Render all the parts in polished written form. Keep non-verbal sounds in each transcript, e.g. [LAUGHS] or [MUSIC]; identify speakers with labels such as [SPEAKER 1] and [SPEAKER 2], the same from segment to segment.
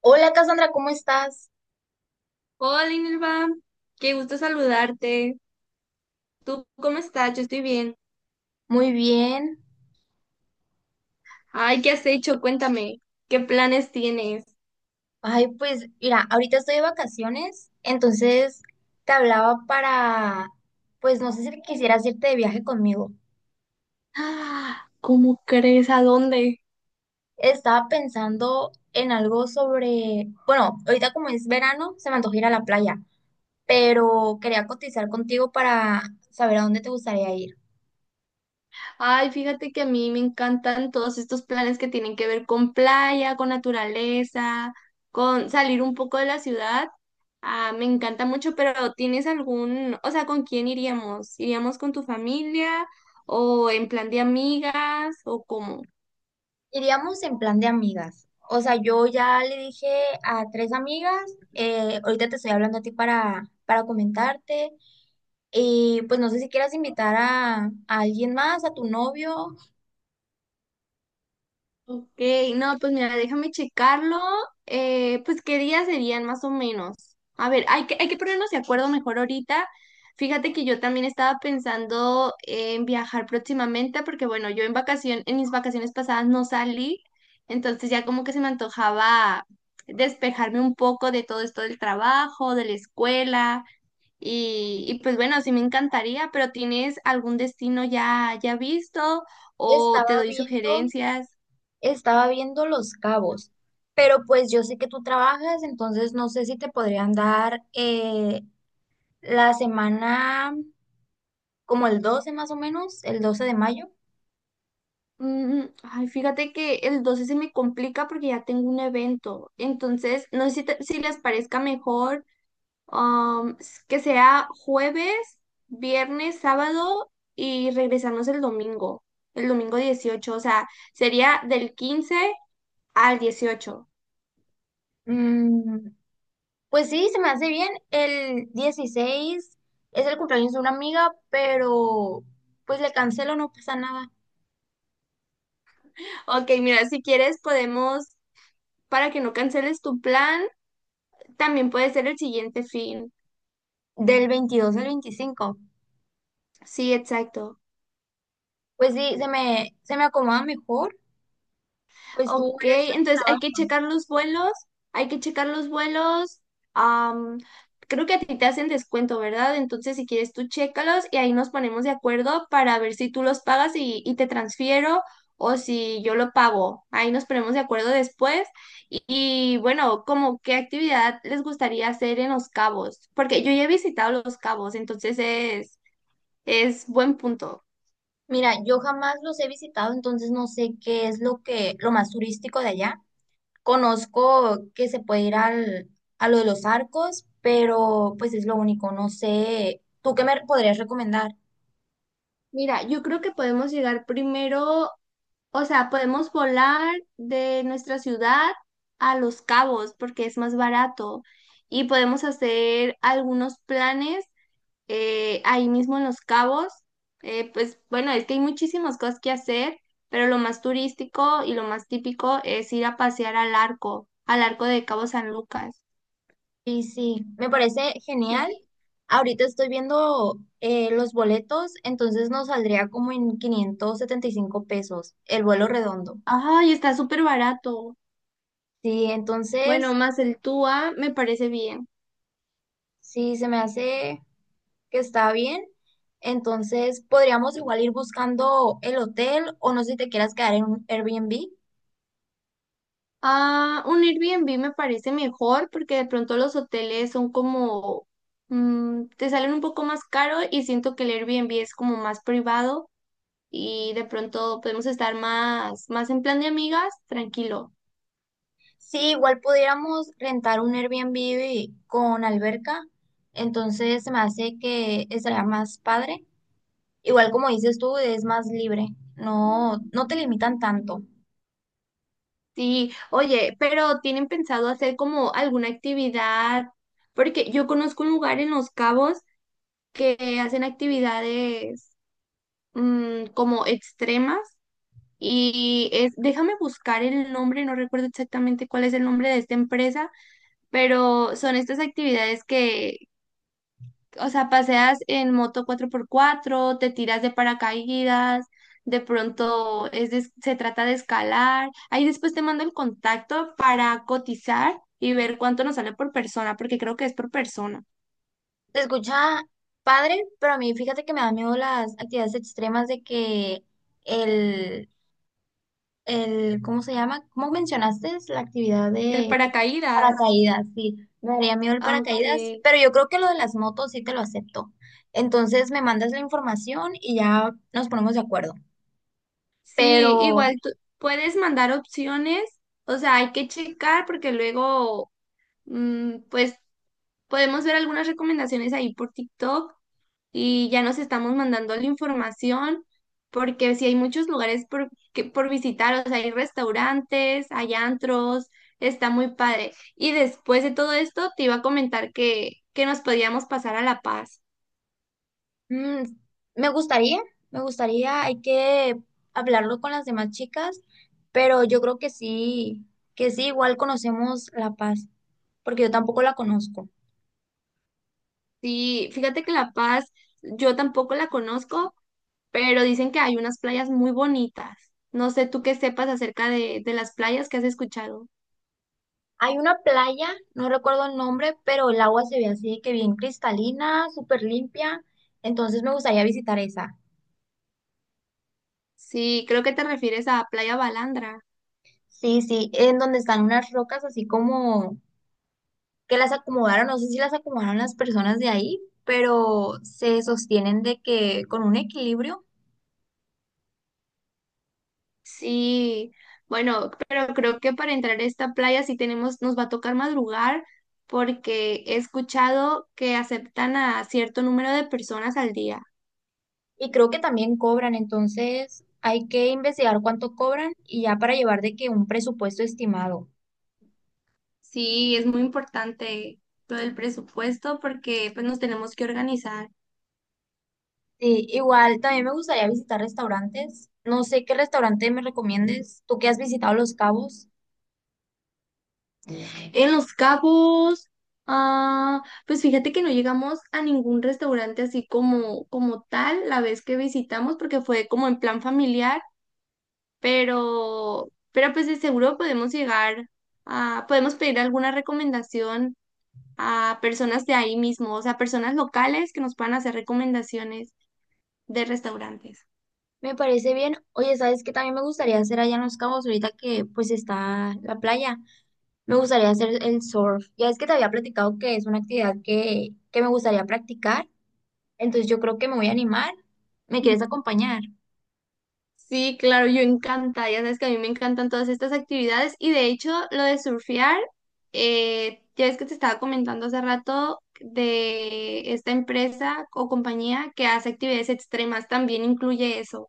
[SPEAKER 1] Hola Cassandra, ¿cómo estás?
[SPEAKER 2] Hola, Inelva. Qué gusto saludarte. ¿Tú cómo estás? Yo estoy bien.
[SPEAKER 1] Muy bien.
[SPEAKER 2] Ay, ¿qué has hecho? Cuéntame. ¿Qué planes tienes?
[SPEAKER 1] Ay, pues mira, ahorita estoy de vacaciones, entonces te hablaba para, pues no sé si quisieras irte de viaje conmigo.
[SPEAKER 2] Ah, ¿cómo crees? ¿A dónde?
[SPEAKER 1] Estaba pensando en algo sobre, bueno, ahorita como es verano, se me antoja ir a la playa, pero quería cotizar contigo para saber a dónde te gustaría ir.
[SPEAKER 2] Ay, fíjate que a mí me encantan todos estos planes que tienen que ver con playa, con naturaleza, con salir un poco de la ciudad. Ah, me encanta mucho, pero ¿tienes algún, o sea, con quién iríamos? ¿Iríamos con tu familia o en plan de amigas o cómo?
[SPEAKER 1] Iríamos en plan de amigas. O sea, yo ya le dije a tres amigas, ahorita te estoy hablando a ti para comentarte. Y pues no sé si quieras invitar a alguien más, a tu novio.
[SPEAKER 2] Ok, no, pues mira, déjame checarlo. Pues qué días serían más o menos. A ver, hay que ponernos de acuerdo mejor ahorita. Fíjate que yo también estaba pensando en viajar próximamente, porque bueno, en mis vacaciones pasadas no salí, entonces ya como que se me antojaba despejarme un poco de todo esto del trabajo, de la escuela, y pues bueno, sí me encantaría, pero ¿tienes algún destino ya visto o te
[SPEAKER 1] Estaba
[SPEAKER 2] doy
[SPEAKER 1] viendo,
[SPEAKER 2] sugerencias?
[SPEAKER 1] Estaba viendo Los Cabos, pero pues yo sé que tú trabajas, entonces no sé si te podrían dar la semana como el 12 más o menos, el 12 de mayo.
[SPEAKER 2] Mm, ay, fíjate que el 12 se me complica porque ya tengo un evento. Entonces, no sé si les parezca mejor que sea jueves, viernes, sábado y regresarnos el domingo 18. O sea, sería del 15 al 18.
[SPEAKER 1] Mm, pues sí, se me hace bien. El 16 es el cumpleaños de una amiga, pero pues le cancelo, no pasa nada.
[SPEAKER 2] Ok, mira, si quieres podemos, para que no canceles tu plan, también puede ser el siguiente fin.
[SPEAKER 1] Del 22 al 25.
[SPEAKER 2] Sí, exacto.
[SPEAKER 1] Pues sí, se me acomoda mejor. Pues tú
[SPEAKER 2] Ok,
[SPEAKER 1] eres la que
[SPEAKER 2] entonces hay que
[SPEAKER 1] trabaja.
[SPEAKER 2] checar los vuelos, hay que checar los vuelos. am, creo que a ti te hacen descuento, ¿verdad? Entonces, si quieres, tú chécalos y ahí nos ponemos de acuerdo para ver si tú los pagas y te transfiero o si yo lo pago. Ahí nos ponemos de acuerdo después. Bueno, como qué actividad les gustaría hacer en Los Cabos, porque yo ya he visitado Los Cabos, entonces es buen punto.
[SPEAKER 1] Mira, yo jamás los he visitado, entonces no sé qué es lo que, lo más turístico de allá. Conozco que se puede ir a lo de los arcos, pero pues es lo único, no sé. ¿Tú qué me podrías recomendar?
[SPEAKER 2] Mira, yo creo que podemos llegar primero. O sea, podemos volar de nuestra ciudad a Los Cabos porque es más barato y podemos hacer algunos planes ahí mismo en Los Cabos. Pues bueno, es que hay muchísimas cosas que hacer, pero lo más turístico y lo más típico es ir a pasear al arco de Cabo San Lucas.
[SPEAKER 1] Sí, sí, me parece genial.
[SPEAKER 2] Sí.
[SPEAKER 1] Ahorita estoy viendo los boletos, entonces nos saldría como en 575 pesos el vuelo redondo.
[SPEAKER 2] Ay, está súper barato.
[SPEAKER 1] Sí,
[SPEAKER 2] Bueno,
[SPEAKER 1] entonces,
[SPEAKER 2] más el TUA me parece bien.
[SPEAKER 1] sí, se me hace que está bien. Entonces, podríamos igual ir buscando el hotel o no sé si te quieras quedar en un Airbnb.
[SPEAKER 2] Ah, un Airbnb me parece mejor porque de pronto los hoteles son como, mm, te salen un poco más caro y siento que el Airbnb es como más privado y de pronto podemos estar más en plan de amigas, tranquilo.
[SPEAKER 1] Sí, igual pudiéramos rentar un Airbnb con alberca. Entonces, se me hace que estaría más padre. Igual como dices tú, es más libre. No, no te limitan tanto.
[SPEAKER 2] Sí, oye, pero ¿tienen pensado hacer como alguna actividad? Porque yo conozco un lugar en Los Cabos que hacen actividades, mm, como extremas. Déjame buscar el nombre, no recuerdo exactamente cuál es el nombre de esta empresa, pero son estas actividades que, o sea, paseas en moto 4x4, te tiras de paracaídas, de pronto es de- se trata de escalar. Ahí después te mando el contacto para cotizar y ver cuánto nos sale por persona, porque creo que es por persona.
[SPEAKER 1] Se escucha padre, pero a mí fíjate que me da miedo las actividades extremas de que el el, ¿cómo se llama? ¿Cómo mencionaste? Es la actividad
[SPEAKER 2] El
[SPEAKER 1] de
[SPEAKER 2] paracaídas,
[SPEAKER 1] paracaídas, sí. Me daría miedo el paracaídas,
[SPEAKER 2] aunque
[SPEAKER 1] pero yo creo que lo de las motos sí te lo acepto. Entonces me mandas la información y ya nos ponemos de acuerdo. Pero
[SPEAKER 2] sí, igual tú puedes mandar opciones. O sea, hay que checar porque luego... Mm, pues podemos ver algunas recomendaciones ahí por TikTok y ya nos estamos mandando la información porque sí hay muchos lugares por visitar, o sea, hay restaurantes, hay antros, está muy padre. Y después de todo esto te iba a comentar que nos podíamos pasar a La Paz.
[SPEAKER 1] mm, me gustaría, me gustaría, hay que hablarlo con las demás chicas, pero yo creo que sí, igual conocemos La Paz, porque yo tampoco la conozco.
[SPEAKER 2] Sí, fíjate que La Paz yo tampoco la conozco, pero dicen que hay unas playas muy bonitas. No sé tú qué sepas acerca de las playas que has escuchado.
[SPEAKER 1] Hay una playa, no recuerdo el nombre, pero el agua se ve así que bien cristalina, súper limpia. Entonces me gustaría visitar esa.
[SPEAKER 2] Sí, creo que te refieres a Playa Balandra.
[SPEAKER 1] Sí, sí, en donde están unas rocas así como que las acomodaron, no sé si las acomodaron las personas de ahí, pero se sostienen de que con un equilibrio,
[SPEAKER 2] Sí, bueno, pero creo que para entrar a esta playa sí tenemos, nos va a tocar madrugar porque he escuchado que aceptan a cierto número de personas al día.
[SPEAKER 1] y creo que también cobran, entonces hay que investigar cuánto cobran y ya para llevar de que un presupuesto estimado.
[SPEAKER 2] Sí, es muy importante lo del presupuesto porque pues nos tenemos que organizar.
[SPEAKER 1] Sí, igual también me gustaría visitar restaurantes. No sé qué restaurante me recomiendes. Tú que has visitado Los Cabos,
[SPEAKER 2] En Los Cabos, ah, pues fíjate que no llegamos a ningún restaurante así como, como tal la vez que visitamos porque fue como en plan familiar, pero pues de seguro podemos llegar a, podemos pedir alguna recomendación a personas de ahí mismo, o sea, personas locales que nos puedan hacer recomendaciones de restaurantes.
[SPEAKER 1] me parece bien. Oye, ¿sabes qué también me gustaría hacer allá en Los Cabos ahorita que pues está la playa? Me gustaría hacer el surf. Ya es que te había platicado que es una actividad que me gustaría practicar. Entonces yo creo que me voy a animar. ¿Me
[SPEAKER 2] Mm.
[SPEAKER 1] quieres acompañar?
[SPEAKER 2] Sí, claro, yo encantada, ya sabes que a mí me encantan todas estas actividades y de hecho lo de surfear, ya ves que te estaba comentando hace rato de esta empresa o compañía que hace actividades extremas, también incluye eso.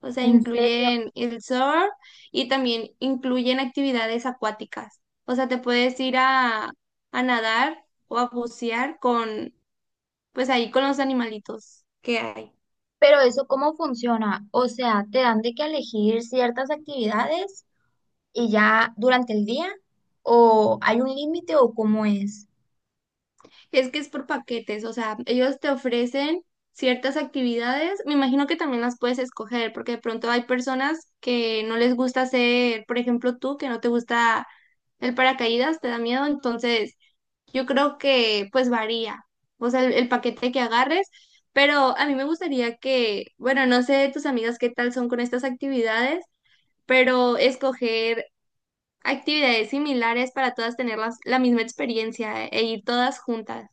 [SPEAKER 2] O sea,
[SPEAKER 1] En serio.
[SPEAKER 2] incluyen el surf y también incluyen actividades acuáticas. O sea, te puedes ir a nadar o a bucear pues ahí con los animalitos que hay.
[SPEAKER 1] Pero eso, ¿cómo funciona? O sea, ¿te dan de que elegir ciertas actividades y ya durante el día? ¿O hay un límite o cómo es?
[SPEAKER 2] Es que es por paquetes, o sea, ellos te ofrecen ciertas actividades. Me imagino que también las puedes escoger, porque de pronto hay personas que no les gusta hacer, por ejemplo, tú, que no te gusta el paracaídas, te da miedo, entonces... Yo creo que pues varía, o sea, el paquete que agarres, pero a mí me gustaría que, bueno, no sé tus amigas qué tal son con estas actividades, pero escoger actividades similares para todas tener la misma experiencia e ir todas juntas.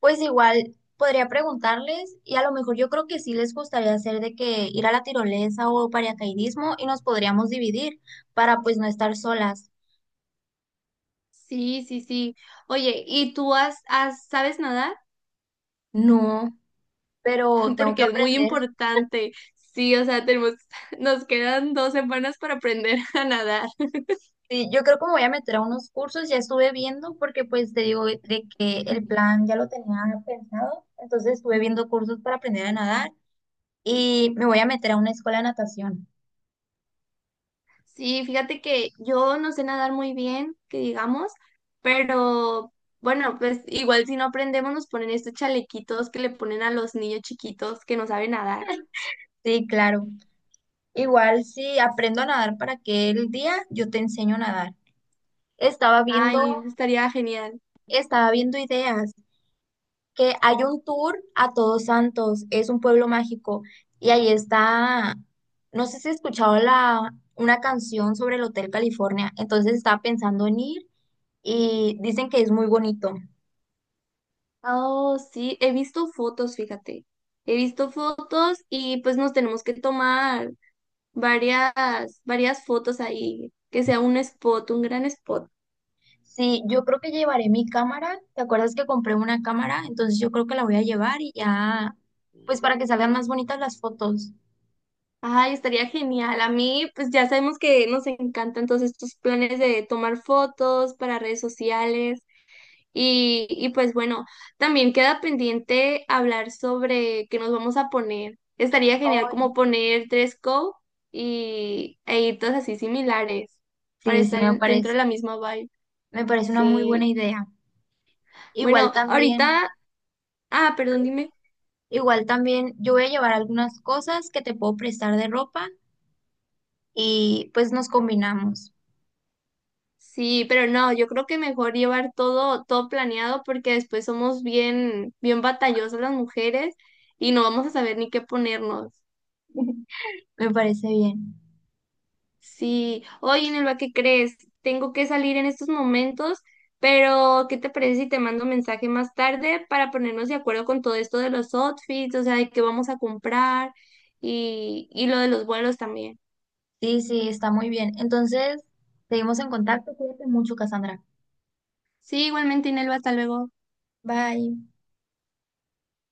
[SPEAKER 1] Pues igual podría preguntarles y a lo mejor yo creo que sí les gustaría hacer de que ir a la tirolesa o paracaidismo y nos podríamos dividir para pues no estar solas.
[SPEAKER 2] Sí, sí, sí. Oye, ¿y tú sabes nadar?
[SPEAKER 1] No, pero
[SPEAKER 2] [LAUGHS]
[SPEAKER 1] tengo que
[SPEAKER 2] Porque es muy
[SPEAKER 1] aprender.
[SPEAKER 2] importante. Sí, o sea, [LAUGHS] nos quedan 2 semanas para aprender [LAUGHS] a nadar.
[SPEAKER 1] Sí, yo creo que me voy a meter a unos cursos, ya estuve viendo porque pues te digo de que el plan ya lo tenía pensado, entonces estuve viendo cursos para aprender a nadar y me voy a meter a una escuela de natación.
[SPEAKER 2] Sí, fíjate que yo no sé nadar muy bien, que digamos, pero bueno, pues igual si no aprendemos nos ponen estos chalequitos que le ponen a los niños chiquitos que no saben nadar.
[SPEAKER 1] Sí, claro. Igual si aprendo a nadar para aquel día, yo te enseño a nadar. Estaba viendo,
[SPEAKER 2] Ay, estaría genial.
[SPEAKER 1] Estaba viendo ideas que hay un tour a Todos Santos, es un pueblo mágico y ahí está, no sé si has escuchado la una canción sobre el Hotel California, entonces estaba pensando en ir y dicen que es muy bonito.
[SPEAKER 2] Oh, sí, he visto fotos, fíjate. He visto fotos y pues nos tenemos que tomar varias, varias fotos ahí, que sea un spot, un gran spot.
[SPEAKER 1] Sí, yo creo que llevaré mi cámara. ¿Te acuerdas que compré una cámara? Entonces yo creo que la voy a llevar y ya, pues para que salgan más bonitas las fotos.
[SPEAKER 2] Ay, estaría genial. A mí, pues ya sabemos que nos encantan todos estos planes de tomar fotos para redes sociales. Pues bueno, también queda pendiente hablar sobre qué nos vamos a poner. Estaría genial como poner dress code e ir todas así similares para
[SPEAKER 1] Sí, sí,
[SPEAKER 2] estar
[SPEAKER 1] me
[SPEAKER 2] dentro de
[SPEAKER 1] parece,
[SPEAKER 2] la misma vibe.
[SPEAKER 1] una muy buena
[SPEAKER 2] Sí.
[SPEAKER 1] idea. Igual
[SPEAKER 2] Bueno,
[SPEAKER 1] también,
[SPEAKER 2] ahorita, ah, perdón, dime.
[SPEAKER 1] igual también yo voy a llevar algunas cosas que te puedo prestar de ropa y pues nos combinamos.
[SPEAKER 2] Sí, pero no, yo creo que mejor llevar todo, todo planeado porque después somos bien, bien batallosas las mujeres y no vamos a saber ni qué ponernos.
[SPEAKER 1] [LAUGHS] Me parece bien.
[SPEAKER 2] Sí, oye, Nelva, ¿qué crees? Tengo que salir en estos momentos, pero ¿qué te parece si te mando un mensaje más tarde para ponernos de acuerdo con todo esto de los outfits, o sea, de qué vamos a comprar y lo de los vuelos también?
[SPEAKER 1] Sí, sí, está muy bien. Entonces, seguimos en contacto. Cuídate mucho, Cassandra.
[SPEAKER 2] Sí, igualmente, Nelva, hasta luego.
[SPEAKER 1] Bye.